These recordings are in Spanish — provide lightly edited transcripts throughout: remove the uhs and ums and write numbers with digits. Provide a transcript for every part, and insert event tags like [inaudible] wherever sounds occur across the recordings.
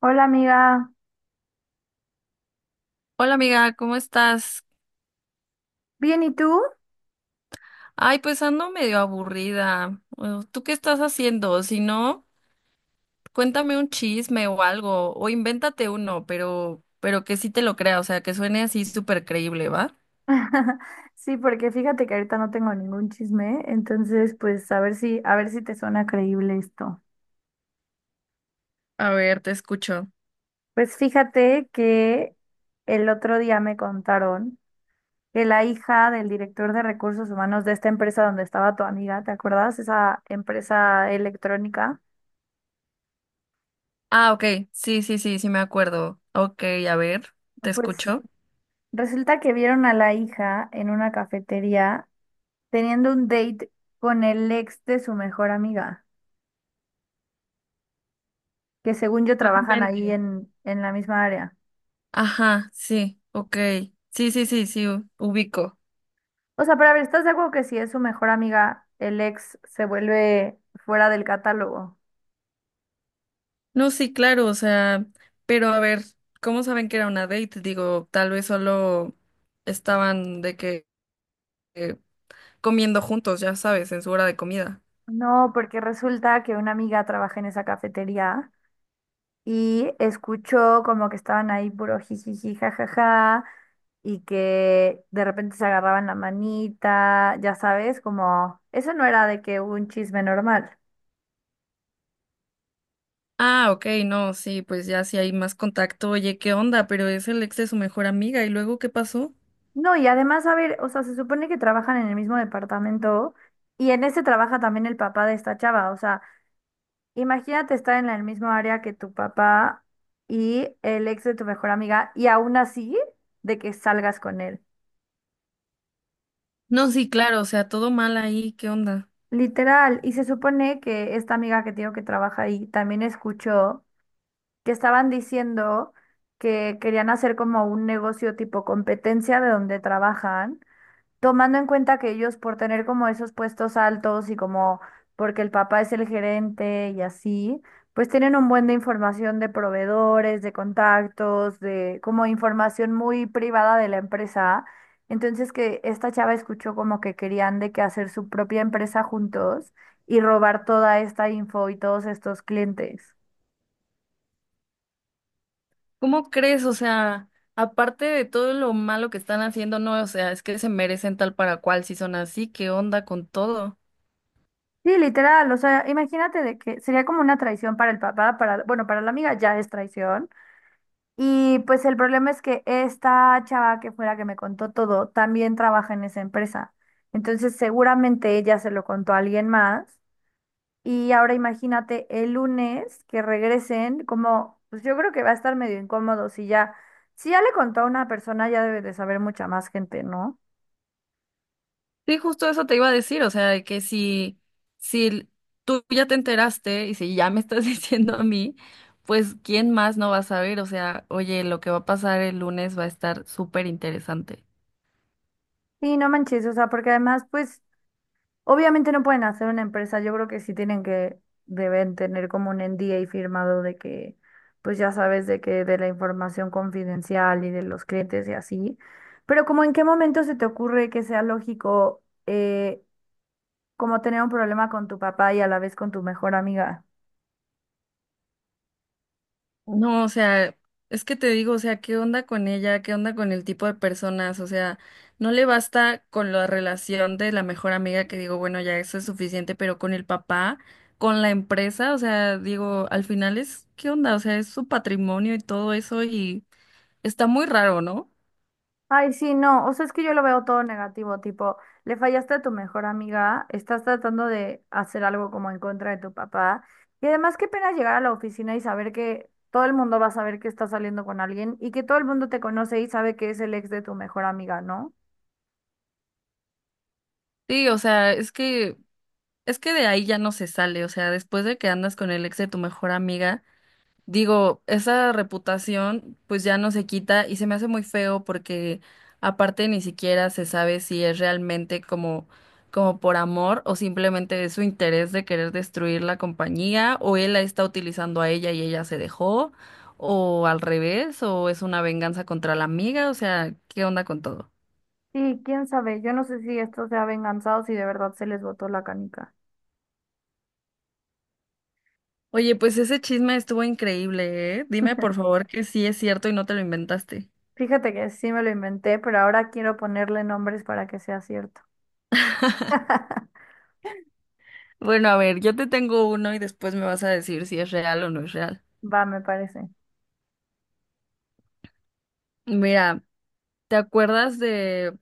Hola amiga, Hola amiga, ¿cómo estás? ¿bien y tú? Ay, pues ando medio aburrida. ¿Tú qué estás haciendo? Si no, cuéntame un chisme o algo, o invéntate uno, pero que sí te lo crea, o sea, que suene así súper creíble, ¿va? [laughs] Sí, porque fíjate que ahorita no tengo ningún chisme, entonces pues a ver si te suena creíble esto. A ver, te escucho. Pues fíjate que el otro día me contaron que la hija del director de recursos humanos de esta empresa donde estaba tu amiga, ¿te acuerdas? Esa empresa electrónica. Ah, ok, sí, sí, sí, sí me acuerdo. Ok, a ver, te Pues escucho. resulta que vieron a la hija en una cafetería teniendo un date con el ex de su mejor amiga, que según yo No trabajan ahí inventes. en la misma área. Ajá, sí, ok. Sí, sí, sí, sí, ubico. O sea, pero a ver, ¿estás de acuerdo que si es su mejor amiga, el ex se vuelve fuera del catálogo? No, sí, claro, o sea, pero a ver, ¿cómo saben que era una date? Digo, tal vez solo estaban de que eh, comiendo juntos, ya sabes, en su hora de comida. No, porque resulta que una amiga trabaja en esa cafetería y escuchó como que estaban ahí puro jijiji, jajaja, y que de repente se agarraban la manita, ya sabes, como eso no era de que un chisme normal. Ah, ok, no, sí, pues ya si hay más contacto, oye, ¿qué onda? Pero es el ex de su mejor amiga, ¿y luego qué pasó? No, y además, a ver, o sea, se supone que trabajan en el mismo departamento y en ese trabaja también el papá de esta chava. O sea, imagínate estar en el mismo área que tu papá y el ex de tu mejor amiga y aún así de que salgas con él. No, sí, claro, o sea, todo mal ahí, ¿qué onda? Literal. Y se supone que esta amiga que tengo que trabaja ahí también escuchó que estaban diciendo que querían hacer como un negocio tipo competencia de donde trabajan, tomando en cuenta que ellos por tener como esos puestos altos y como porque el papá es el gerente y así, pues tienen un buen de información de proveedores, de contactos, de como información muy privada de la empresa. Entonces que esta chava escuchó como que querían de que hacer su propia empresa juntos y robar toda esta info y todos estos clientes. ¿Cómo crees? O sea, aparte de todo lo malo que están haciendo, no, o sea, es que se merecen tal para cual si son así, ¿qué onda con todo? Sí, literal, o sea, imagínate de que sería como una traición para el papá, para, bueno, para la amiga ya es traición. Y pues el problema es que esta chava que fue la que me contó todo, también trabaja en esa empresa. Entonces seguramente ella se lo contó a alguien más. Y ahora imagínate el lunes que regresen, como, pues yo creo que va a estar medio incómodo si ya, si ya le contó a una persona, ya debe de saber mucha más gente, ¿no? Sí, justo eso te iba a decir, o sea, que si tú ya te enteraste y si ya me estás [laughs] diciendo a mí, pues ¿quién más no va a saber? O sea, oye, lo que va a pasar el lunes va a estar súper interesante. Sí, no manches, o sea, porque además, pues obviamente no pueden hacer una empresa, yo creo que sí tienen que, deben tener como un NDA firmado de que, pues ya sabes, de que de la información confidencial y de los clientes y así. Pero como en qué momento se te ocurre que sea lógico como tener un problema con tu papá y a la vez con tu mejor amiga. No, o sea, es que te digo, o sea, ¿qué onda con ella? ¿Qué onda con el tipo de personas? O sea, no le basta con la relación de la mejor amiga que digo, bueno, ya eso es suficiente, pero con el papá, con la empresa, o sea, digo, al final es, ¿qué onda? O sea, es su patrimonio y todo eso y... Está muy raro, ¿no? Ay, sí, no, o sea, es que yo lo veo todo negativo, tipo, le fallaste a tu mejor amiga, estás tratando de hacer algo como en contra de tu papá, y además qué pena llegar a la oficina y saber que todo el mundo va a saber que estás saliendo con alguien y que todo el mundo te conoce y sabe que es el ex de tu mejor amiga, ¿no? Sí, o sea, es que de ahí ya no se sale, o sea, después de que andas con el ex de tu mejor amiga, digo, esa reputación pues ya no se quita y se me hace muy feo porque aparte ni siquiera se sabe si es realmente como por amor o simplemente es su interés de querer destruir la compañía o él la está utilizando a ella y ella se dejó o al revés o es una venganza contra la amiga, o sea, ¿qué onda con todo? Y quién sabe, yo no sé si esto sea venganza o si de verdad se les botó la canica. Oye, pues ese chisme estuvo increíble, ¿eh? Dime por favor que sí es cierto y no te lo inventaste. Fíjate que sí me lo inventé, pero ahora quiero ponerle nombres para que sea cierto. [laughs] Bueno, a ver, yo te tengo uno y después me vas a decir si es real o no es real. Va, me parece. Mira, ¿te acuerdas de,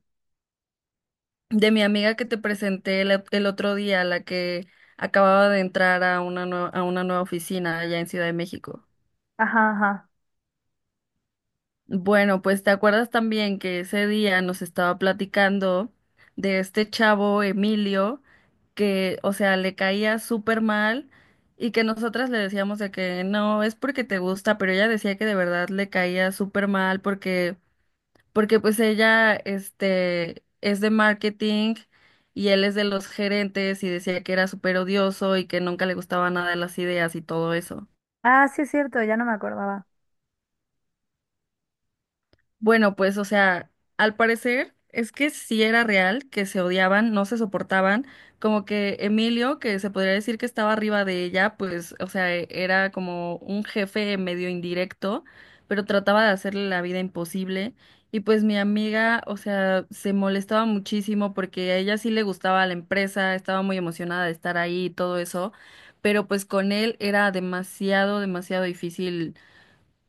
de mi amiga que te presenté el otro día, la que acababa de entrar a una nueva oficina allá en Ciudad de México? Ajá, ajá. Bueno, pues te acuerdas también que ese día nos estaba platicando de este chavo Emilio que, o sea, le caía súper mal y que nosotras le decíamos de que no, es porque te gusta, pero ella decía que de verdad le caía súper mal porque pues ella, es de marketing y él es de los gerentes y decía que era súper odioso y que nunca le gustaban nada las ideas y todo eso. Ah, sí es cierto, ya no me acordaba. Bueno, pues, o sea, al parecer es que sí era real, que se odiaban, no se soportaban, como que Emilio, que se podría decir que estaba arriba de ella, pues, o sea, era como un jefe medio indirecto, pero trataba de hacerle la vida imposible. Y pues mi amiga, o sea, se molestaba muchísimo porque a ella sí le gustaba la empresa, estaba muy emocionada de estar ahí y todo eso, pero pues con él era demasiado, demasiado difícil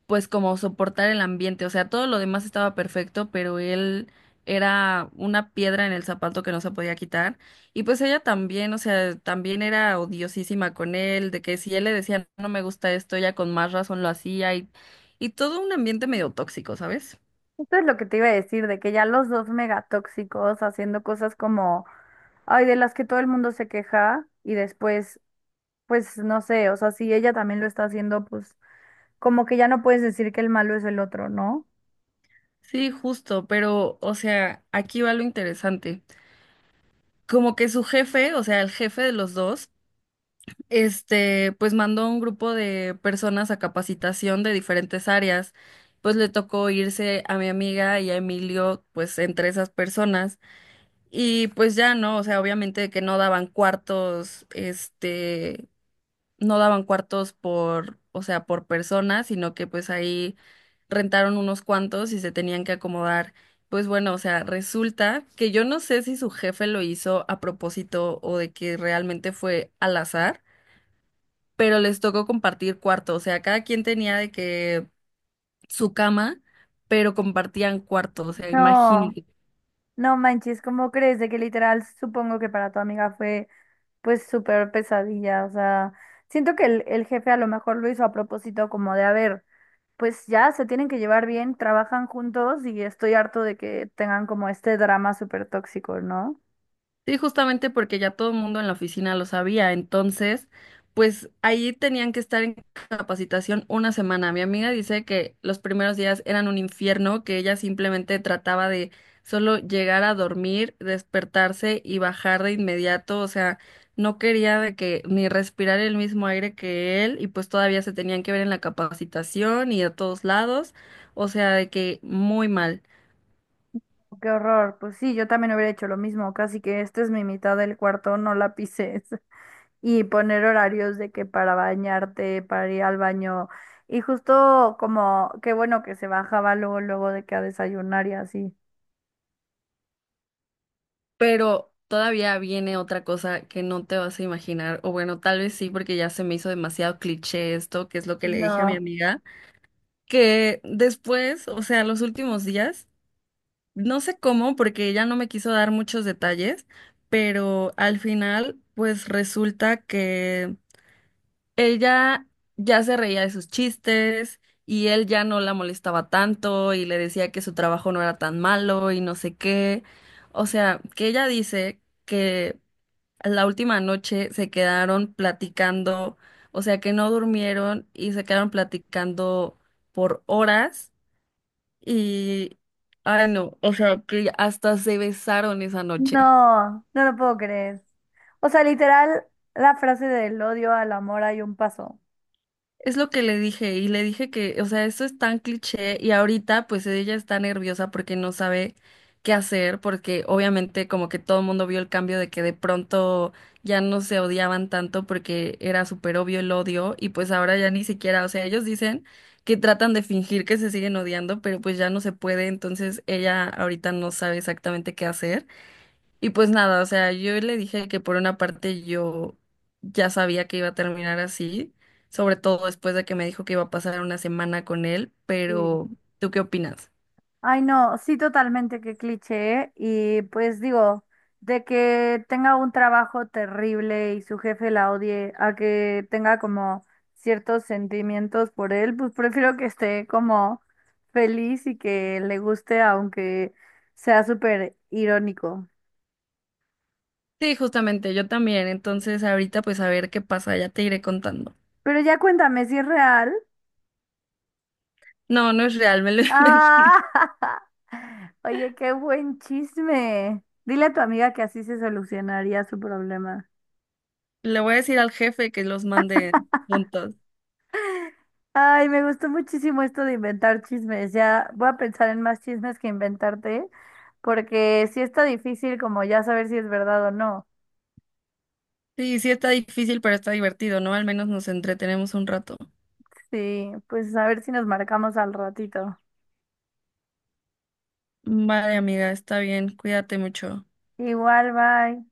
pues como soportar el ambiente, o sea, todo lo demás estaba perfecto, pero él era una piedra en el zapato que no se podía quitar. Y pues ella también, o sea, también era odiosísima con él, de que si él le decía no me gusta esto, ella con más razón lo hacía y todo un ambiente medio tóxico, ¿sabes? Esto es lo que te iba a decir, de que ya los dos megatóxicos haciendo cosas como, ay, de las que todo el mundo se queja y después, pues no sé, o sea, si ella también lo está haciendo, pues como que ya no puedes decir que el malo es el otro, ¿no? Sí, justo, pero, o sea, aquí va lo interesante. Como que su jefe, o sea, el jefe de los dos, pues mandó a un grupo de personas a capacitación de diferentes áreas. Pues le tocó irse a mi amiga y a Emilio, pues entre esas personas. Y pues ya no, o sea, obviamente que no daban cuartos, no daban cuartos por, o sea, por persona, sino que pues ahí rentaron unos cuantos y se tenían que acomodar. Pues bueno, o sea, resulta que yo no sé si su jefe lo hizo a propósito o de que realmente fue al azar pero les tocó compartir cuarto, o sea, cada quien tenía de que su cama, pero compartían cuarto, o sea, No, imagínate. no manches, ¿cómo crees? De que literal supongo que para tu amiga fue pues súper pesadilla, o sea, siento que el jefe a lo mejor lo hizo a propósito como de, haber, pues ya se tienen que llevar bien, trabajan juntos y estoy harto de que tengan como este drama súper tóxico, ¿no? Sí, justamente porque ya todo el mundo en la oficina lo sabía, entonces, pues ahí tenían que estar en capacitación una semana. Mi amiga dice que los primeros días eran un infierno, que ella simplemente trataba de solo llegar a dormir, despertarse y bajar de inmediato, o sea, no quería de que ni respirar el mismo aire que él y pues todavía se tenían que ver en la capacitación y a todos lados, o sea, de que muy mal. Oh, qué horror. Pues sí, yo también hubiera hecho lo mismo, casi que esta es mi mitad del cuarto, no la pises. [laughs] Y poner horarios de que para bañarte, para ir al baño. Y justo como, qué bueno que se bajaba luego, luego de que a desayunar y así. Pero todavía viene otra cosa que no te vas a imaginar, o bueno, tal vez sí, porque ya se me hizo demasiado cliché esto, que es lo que le dije a mi No, amiga, que después, o sea, los últimos días, no sé cómo, porque ella no me quiso dar muchos detalles, pero al final, pues resulta que ella ya se reía de sus chistes. Y él ya no la molestaba tanto y le decía que su trabajo no era tan malo y no sé qué. O sea, que ella dice que la última noche se quedaron platicando, o sea que no durmieron y se quedaron platicando por horas y, ay no, o sea que hasta se besaron esa noche. No lo puedo creer. O sea, literal, la frase del odio al amor hay un paso. Es lo que le dije y le dije que, o sea, eso es tan cliché y ahorita pues ella está nerviosa porque no sabe qué hacer, porque obviamente como que todo el mundo vio el cambio de que de pronto ya no se odiaban tanto porque era súper obvio el odio y pues ahora ya ni siquiera, o sea, ellos dicen que tratan de fingir que se siguen odiando, pero pues ya no se puede, entonces ella ahorita no sabe exactamente qué hacer. Y pues nada, o sea, yo le dije que por una parte yo ya sabía que iba a terminar así, sobre todo después de que me dijo que iba a pasar una semana con él, Sí. pero ¿tú qué opinas? Ay, no, sí, totalmente, qué cliché, ¿eh? Y pues digo, de que tenga un trabajo terrible y su jefe la odie, a que tenga como ciertos sentimientos por él, pues prefiero que esté como feliz y que le guste, aunque sea súper irónico. Sí, justamente, yo también, entonces ahorita pues a ver qué pasa, ya te iré contando. Pero ya cuéntame si es real. No, no es real, me lo [laughs] Ah, inventé. [laughs] oye, qué buen chisme. Dile a tu amiga que así se solucionaría su problema. Le voy a decir al jefe que los mande juntos. Ay, me gustó muchísimo esto de inventar chismes. Ya voy a pensar en más chismes que inventarte, porque sí está difícil como ya saber si es verdad o no. Sí, sí está difícil, pero está divertido, ¿no? Al menos nos entretenemos un rato. Sí, pues a ver si nos marcamos al ratito. Vale, amiga, está bien, cuídate mucho. Igual, bye.